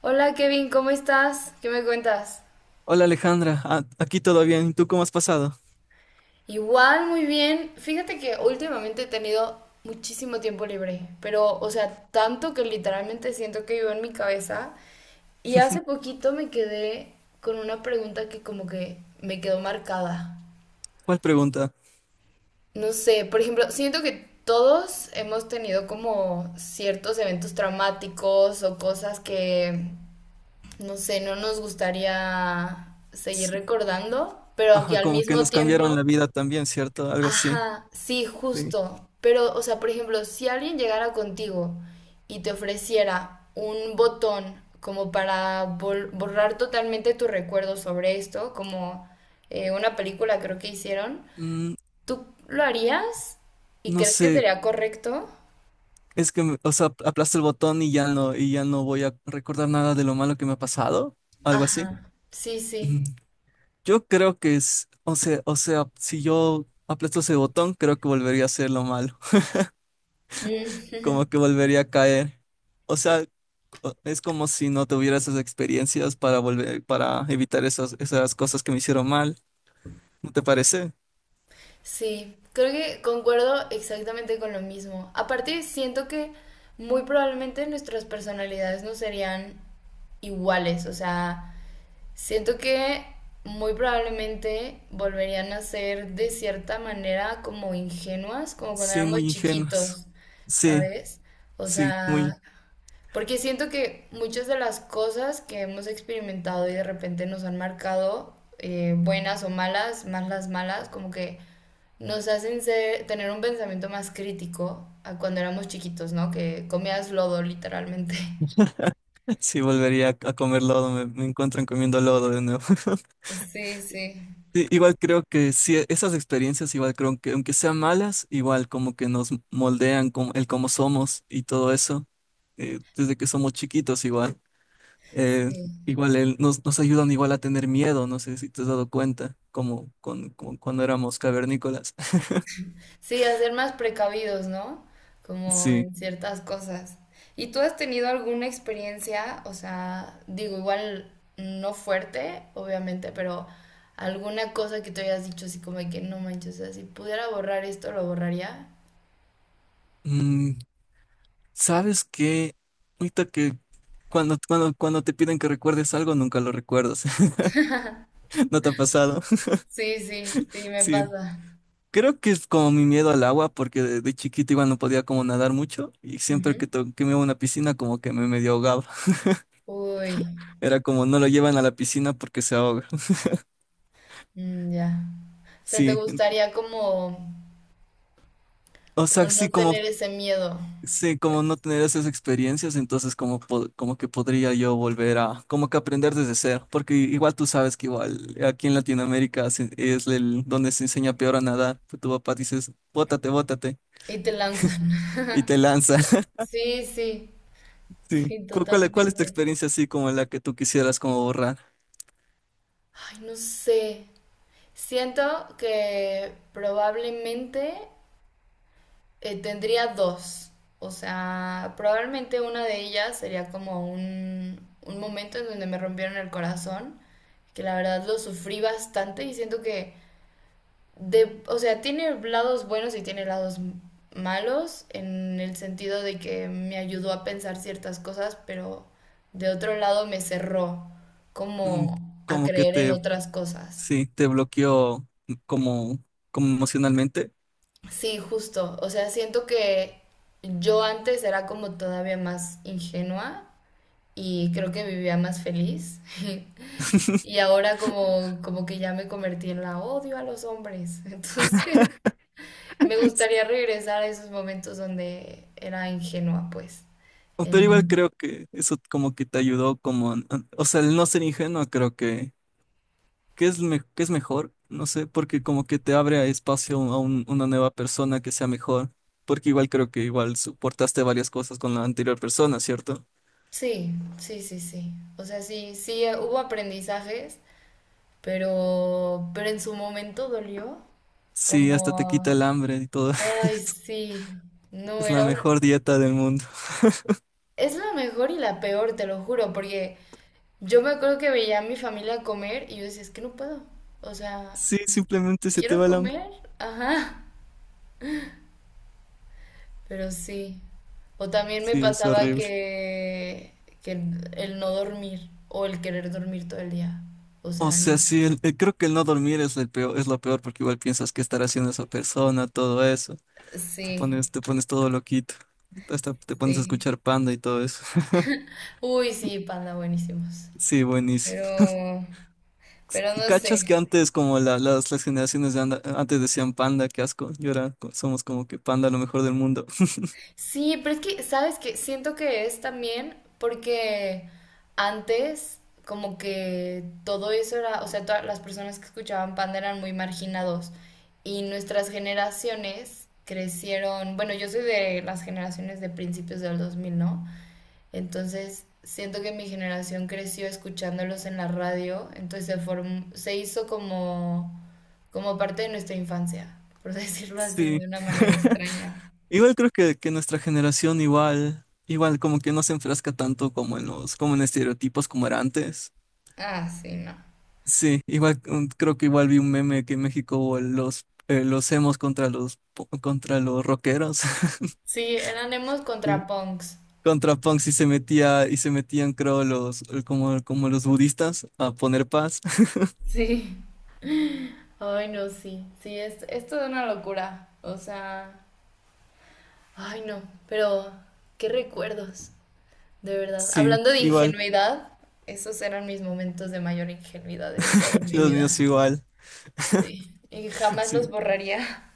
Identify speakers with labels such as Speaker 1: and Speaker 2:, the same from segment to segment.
Speaker 1: Hola Kevin, ¿cómo estás? ¿Qué me cuentas?
Speaker 2: Hola Alejandra, Ah, aquí todo bien. ¿Y tú cómo has pasado?
Speaker 1: Igual, muy bien. Fíjate que últimamente he tenido muchísimo tiempo libre, pero, o sea, tanto que literalmente siento que vivo en mi cabeza. Y hace poquito me quedé con una pregunta que como que me quedó marcada.
Speaker 2: ¿Cuál pregunta?
Speaker 1: No sé, por ejemplo, siento que todos hemos tenido como ciertos eventos traumáticos o cosas que, no sé, no nos gustaría seguir
Speaker 2: S-
Speaker 1: recordando, pero que
Speaker 2: Ajá,
Speaker 1: al
Speaker 2: como que
Speaker 1: mismo
Speaker 2: nos cambiaron la
Speaker 1: tiempo...
Speaker 2: vida también, ¿cierto? Algo así.
Speaker 1: Ajá, sí,
Speaker 2: Sí.
Speaker 1: justo. Pero, o sea, por ejemplo, si alguien llegara contigo y te ofreciera un botón como para borrar totalmente tu recuerdo sobre esto, como una película creo que hicieron,
Speaker 2: Mm,
Speaker 1: ¿tú lo harías? ¿Y
Speaker 2: no
Speaker 1: crees que
Speaker 2: sé,
Speaker 1: sería correcto?
Speaker 2: es que, o sea, aplasto el botón y ya no voy a recordar nada de lo malo que me ha pasado. Algo así.
Speaker 1: Ajá, sí, sí.
Speaker 2: Mm, yo creo que es, o sea, si yo aplasto ese botón, creo que volvería a hacer lo malo.
Speaker 1: Mm.
Speaker 2: Como que volvería a caer. O sea, es como si no tuviera esas experiencias para volver, para evitar esas cosas que me hicieron mal. ¿No te parece?
Speaker 1: Sí, creo que concuerdo exactamente con lo mismo. Aparte, siento que muy probablemente nuestras personalidades no serían iguales, o sea, siento que muy probablemente volverían a ser de cierta manera como ingenuas, como cuando
Speaker 2: Sí,
Speaker 1: éramos
Speaker 2: muy ingenuos.
Speaker 1: chiquitos,
Speaker 2: Sí,
Speaker 1: ¿sabes? O
Speaker 2: sí, muy.
Speaker 1: sea, porque siento que muchas de las cosas que hemos experimentado y de repente nos han marcado, buenas o malas, más las malas, como que nos hacen tener un pensamiento más crítico a cuando éramos chiquitos, ¿no? Que comías lodo, literalmente.
Speaker 2: Sí, volvería a comer lodo, me encuentran comiendo lodo de nuevo.
Speaker 1: Sí, sí.
Speaker 2: Sí, igual creo que sí, esas experiencias, igual creo que aunque sean malas, igual como que nos moldean como, el cómo somos y todo eso, desde que somos chiquitos igual. Eh,
Speaker 1: Sí.
Speaker 2: Igual nos ayudan igual a tener miedo, no sé si te has dado cuenta, como, con cuando éramos cavernícolas.
Speaker 1: Sí, a ser más precavidos, ¿no? Como
Speaker 2: Sí.
Speaker 1: en ciertas cosas. ¿Y tú has tenido alguna experiencia, o sea, digo, igual no fuerte, obviamente, pero alguna cosa que te hayas dicho así como de que no manches, o sea, si pudiera borrar esto, lo borraría?
Speaker 2: mm, ¿Sabes qué? Ahorita que cuando te piden que recuerdes algo, nunca lo recuerdas. ¿No te ha pasado?
Speaker 1: Sí, sí, sí, me
Speaker 2: Sí.
Speaker 1: pasa.
Speaker 2: Creo que es como mi miedo al agua, porque de chiquito igual no podía como nadar mucho y siempre que,
Speaker 1: Ujú.
Speaker 2: to- que me iba a una piscina como que me medio ahogaba.
Speaker 1: Uy,
Speaker 2: Era como no lo llevan a la piscina porque se ahoga.
Speaker 1: mm, ya. O sea, te
Speaker 2: Sí.
Speaker 1: gustaría como,
Speaker 2: O
Speaker 1: como
Speaker 2: sea,
Speaker 1: no
Speaker 2: sí, como.
Speaker 1: tener ese miedo,
Speaker 2: Sí,
Speaker 1: pues,
Speaker 2: como no tener esas experiencias, entonces como, como que podría yo volver a, como que aprender desde cero, porque igual tú sabes que igual aquí en Latinoamérica es el, donde se enseña peor a nadar, pues tu papá dices, bótate, bótate,
Speaker 1: y te lanzan.
Speaker 2: y te lanza.
Speaker 1: Sí, sí,
Speaker 2: Sí.
Speaker 1: sí,
Speaker 2: ¿Cuál es tu
Speaker 1: totalmente.
Speaker 2: experiencia así como la que tú quisieras como borrar?
Speaker 1: Ay, no sé. Siento que probablemente tendría dos. O sea, probablemente una de ellas sería como un momento en donde me rompieron el corazón, que la verdad lo sufrí bastante y siento que, de, o sea, tiene lados buenos y tiene lados malos en el sentido de que me ayudó a pensar ciertas cosas, pero de otro lado me cerró
Speaker 2: Mm.
Speaker 1: como a
Speaker 2: Como que
Speaker 1: creer en
Speaker 2: te,
Speaker 1: otras cosas.
Speaker 2: sí, te bloqueó como, como emocionalmente.
Speaker 1: Sí, justo. O sea, siento que yo antes era como todavía más ingenua y creo que vivía más feliz. Y ahora como, como que ya me convertí en la odio a los hombres. Entonces, me gustaría regresar a esos momentos donde era ingenua, pues.
Speaker 2: Pero igual
Speaker 1: En-
Speaker 2: creo que eso como que te ayudó como, o sea, el no ser ingenuo creo que ¿Qué es mejor? No sé, porque como que te abre a espacio a una nueva persona que sea mejor, porque igual creo que igual soportaste varias cosas con la anterior persona, ¿cierto?
Speaker 1: Sí, sí, sí, sí. O sea, sí, sí, hubo aprendizajes, pero en su momento dolió.
Speaker 2: Sí, hasta te quita
Speaker 1: Como,
Speaker 2: el hambre y todo.
Speaker 1: ay, sí. No,
Speaker 2: Es la
Speaker 1: era una...
Speaker 2: mejor dieta del mundo.
Speaker 1: Es la mejor y la peor, te lo juro, porque yo me acuerdo que veía a mi familia comer y yo decía, es que no puedo. O sea,
Speaker 2: Sí, simplemente se te
Speaker 1: quiero
Speaker 2: va el hambre.
Speaker 1: comer, ajá, pero sí. O también me
Speaker 2: Sí, es
Speaker 1: pasaba
Speaker 2: horrible.
Speaker 1: que el no dormir o el querer dormir todo el día. O
Speaker 2: O
Speaker 1: sea,
Speaker 2: sea, sí, creo que el no dormir es el peor, es lo peor porque igual piensas qué estará haciendo esa persona, todo eso.
Speaker 1: sí,
Speaker 2: Te pones todo loquito. Hasta te pones a
Speaker 1: sí.
Speaker 2: escuchar Panda y todo eso.
Speaker 1: Uy, sí, panda, buenísimos.
Speaker 2: Sí, buenísimo.
Speaker 1: Pero, pero no
Speaker 2: ¿Cachas
Speaker 1: sé.
Speaker 2: que antes, como las generaciones de antes decían panda, qué asco, y ahora somos como que panda lo mejor del mundo?
Speaker 1: Sí, pero es que, ¿sabes qué? Siento que es también porque antes como que todo eso era, o sea, todas las personas que escuchaban Panda eran muy marginados y nuestras generaciones crecieron, bueno, yo soy de las generaciones de principios del 2000, ¿no? Entonces, siento que mi generación creció escuchándolos en la radio, entonces se hizo como parte de nuestra infancia, por decirlo así,
Speaker 2: Sí,
Speaker 1: de una manera extraña.
Speaker 2: igual creo que nuestra generación igual como que no se enfrasca tanto como en los, como en estereotipos como era antes.
Speaker 1: Ah, sí, no.
Speaker 2: Sí, igual creo que igual vi un meme que en México hubo los emos contra los, contra los rockeros.
Speaker 1: Sí, eran emos
Speaker 2: Sí.
Speaker 1: contra punks.
Speaker 2: Contra punks y se metían, creo, los, como los budistas a poner paz.
Speaker 1: Sí. Ay, no, sí. Sí, es toda una locura. O sea, ay, no. Pero, qué recuerdos. De verdad.
Speaker 2: Sí,
Speaker 1: Hablando de
Speaker 2: igual,
Speaker 1: ingenuidad, esos eran mis momentos de mayor ingenuidad en toda mi
Speaker 2: los niños
Speaker 1: vida.
Speaker 2: igual.
Speaker 1: Sí. Y jamás los
Speaker 2: Sí,
Speaker 1: borraría.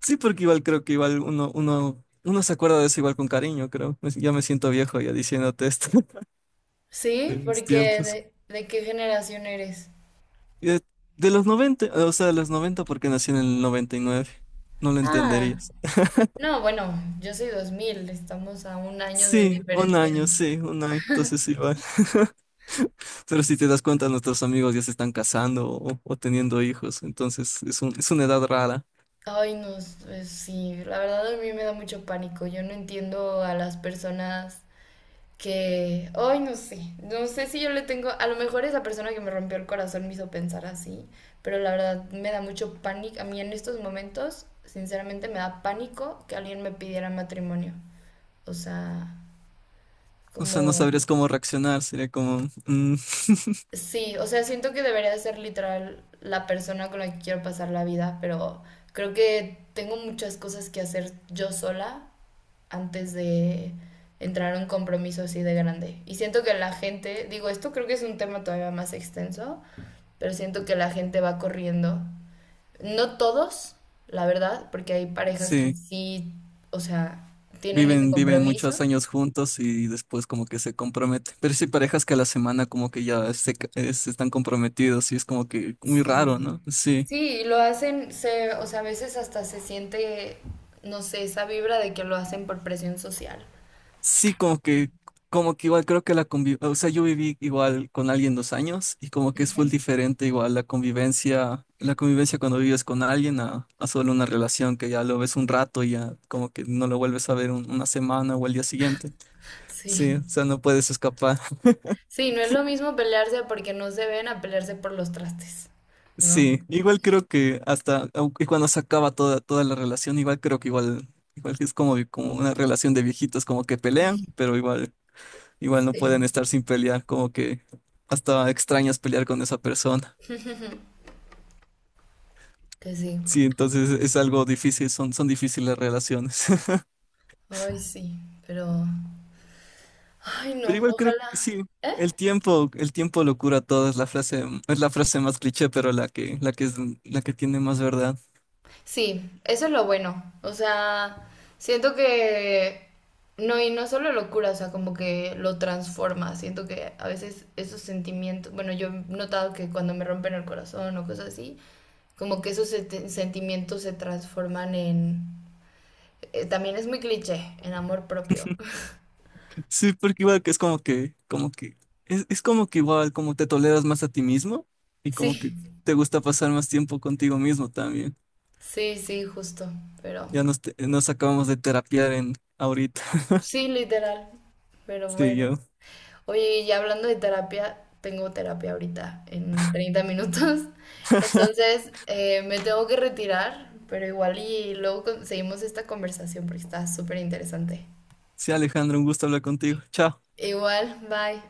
Speaker 2: sí, porque igual creo que igual uno se acuerda de eso igual con cariño, creo. Ya me siento viejo ya diciéndote esto. De
Speaker 1: Sí,
Speaker 2: mis
Speaker 1: porque
Speaker 2: tiempos.
Speaker 1: de qué generación eres?
Speaker 2: Y de los 90, o sea, de los 90 porque nací en el noventa y nueve. No lo
Speaker 1: Ah,
Speaker 2: entenderías.
Speaker 1: no, bueno, yo soy 2000. Estamos a un año de diferencia.
Speaker 2: Sí, un año, entonces igual. Pero si te das cuenta, nuestros amigos ya se están casando o teniendo hijos, entonces es un, es una edad rara.
Speaker 1: Ay, no, sí, la verdad a mí me da mucho pánico. Yo no entiendo a las personas que, ay, no sé, no sé si yo le tengo, a lo mejor esa persona que me rompió el corazón me hizo pensar así, pero la verdad me da mucho pánico. A mí en estos momentos, sinceramente, me da pánico que alguien me pidiera matrimonio. O sea,
Speaker 2: O sea, no
Speaker 1: como,
Speaker 2: sabrías cómo reaccionar, sería como, mm,
Speaker 1: sí, o sea, siento que debería de ser literal la persona con la que quiero pasar la vida, pero creo que tengo muchas cosas que hacer yo sola antes de entrar a un compromiso así de grande. Y siento que la gente, digo, esto creo que es un tema todavía más extenso, pero siento que la gente va corriendo. No todos, la verdad, porque hay parejas que
Speaker 2: sí.
Speaker 1: sí, o sea, tienen ese
Speaker 2: Viven, viven muchos
Speaker 1: compromiso.
Speaker 2: años juntos y después como que se comprometen. Pero sí hay parejas que a la semana como que ya se están comprometidos y es como que muy
Speaker 1: Sí.
Speaker 2: raro, ¿no? Sí.
Speaker 1: Sí, y lo hacen, o sea, a veces hasta se siente, no sé, esa vibra de que lo hacen por presión social.
Speaker 2: Sí, como que igual creo que la convivencia, o sea, yo viví igual con alguien 2 años y como que es full
Speaker 1: Ujú.
Speaker 2: diferente igual la convivencia cuando vives con alguien a solo una relación que ya lo ves un rato y ya como que no lo vuelves a ver una semana o el día siguiente.
Speaker 1: Sí.
Speaker 2: Sí, o sea, no puedes escapar.
Speaker 1: Sí, no es lo mismo pelearse porque no se ven a pelearse por los trastes, ¿no?
Speaker 2: Sí, igual creo que hasta aunque cuando se acaba toda la relación, igual creo que igual, igual que es como, como una relación de viejitos, como que pelean, pero igual, igual no
Speaker 1: Sí,
Speaker 2: pueden estar sin pelear, como que hasta extrañas pelear con esa persona.
Speaker 1: que sí.
Speaker 2: Sí, entonces es algo difícil, son difíciles las relaciones.
Speaker 1: Ay, sí, pero... Ay,
Speaker 2: Pero
Speaker 1: no,
Speaker 2: igual creo que
Speaker 1: ojalá.
Speaker 2: sí,
Speaker 1: ¿Eh?
Speaker 2: el tiempo lo cura todo, es la frase más cliché, pero la que tiene más verdad.
Speaker 1: Sí, eso es lo bueno. O sea, siento que... No, y no solo lo cura, o sea, como que lo transforma. Siento que a veces esos sentimientos, bueno, yo he notado que cuando me rompen el corazón o cosas así, como que esos sentimientos se transforman en... también es muy cliché, en amor propio.
Speaker 2: Sí, porque igual que es como que, es como que igual como te toleras más a ti mismo y como que
Speaker 1: Sí,
Speaker 2: te gusta pasar más tiempo contigo mismo también.
Speaker 1: sí, sí, justo, pero...
Speaker 2: Ya nos acabamos de terapiar en ahorita.
Speaker 1: Sí, literal, pero
Speaker 2: Sí,
Speaker 1: bueno.
Speaker 2: yo.
Speaker 1: Oye, y hablando de terapia, tengo terapia ahorita en 30 minutos. Entonces, me tengo que retirar, pero igual y luego seguimos esta conversación porque está súper interesante.
Speaker 2: Sí, Alejandro, un gusto hablar contigo. Chao.
Speaker 1: Igual, bye.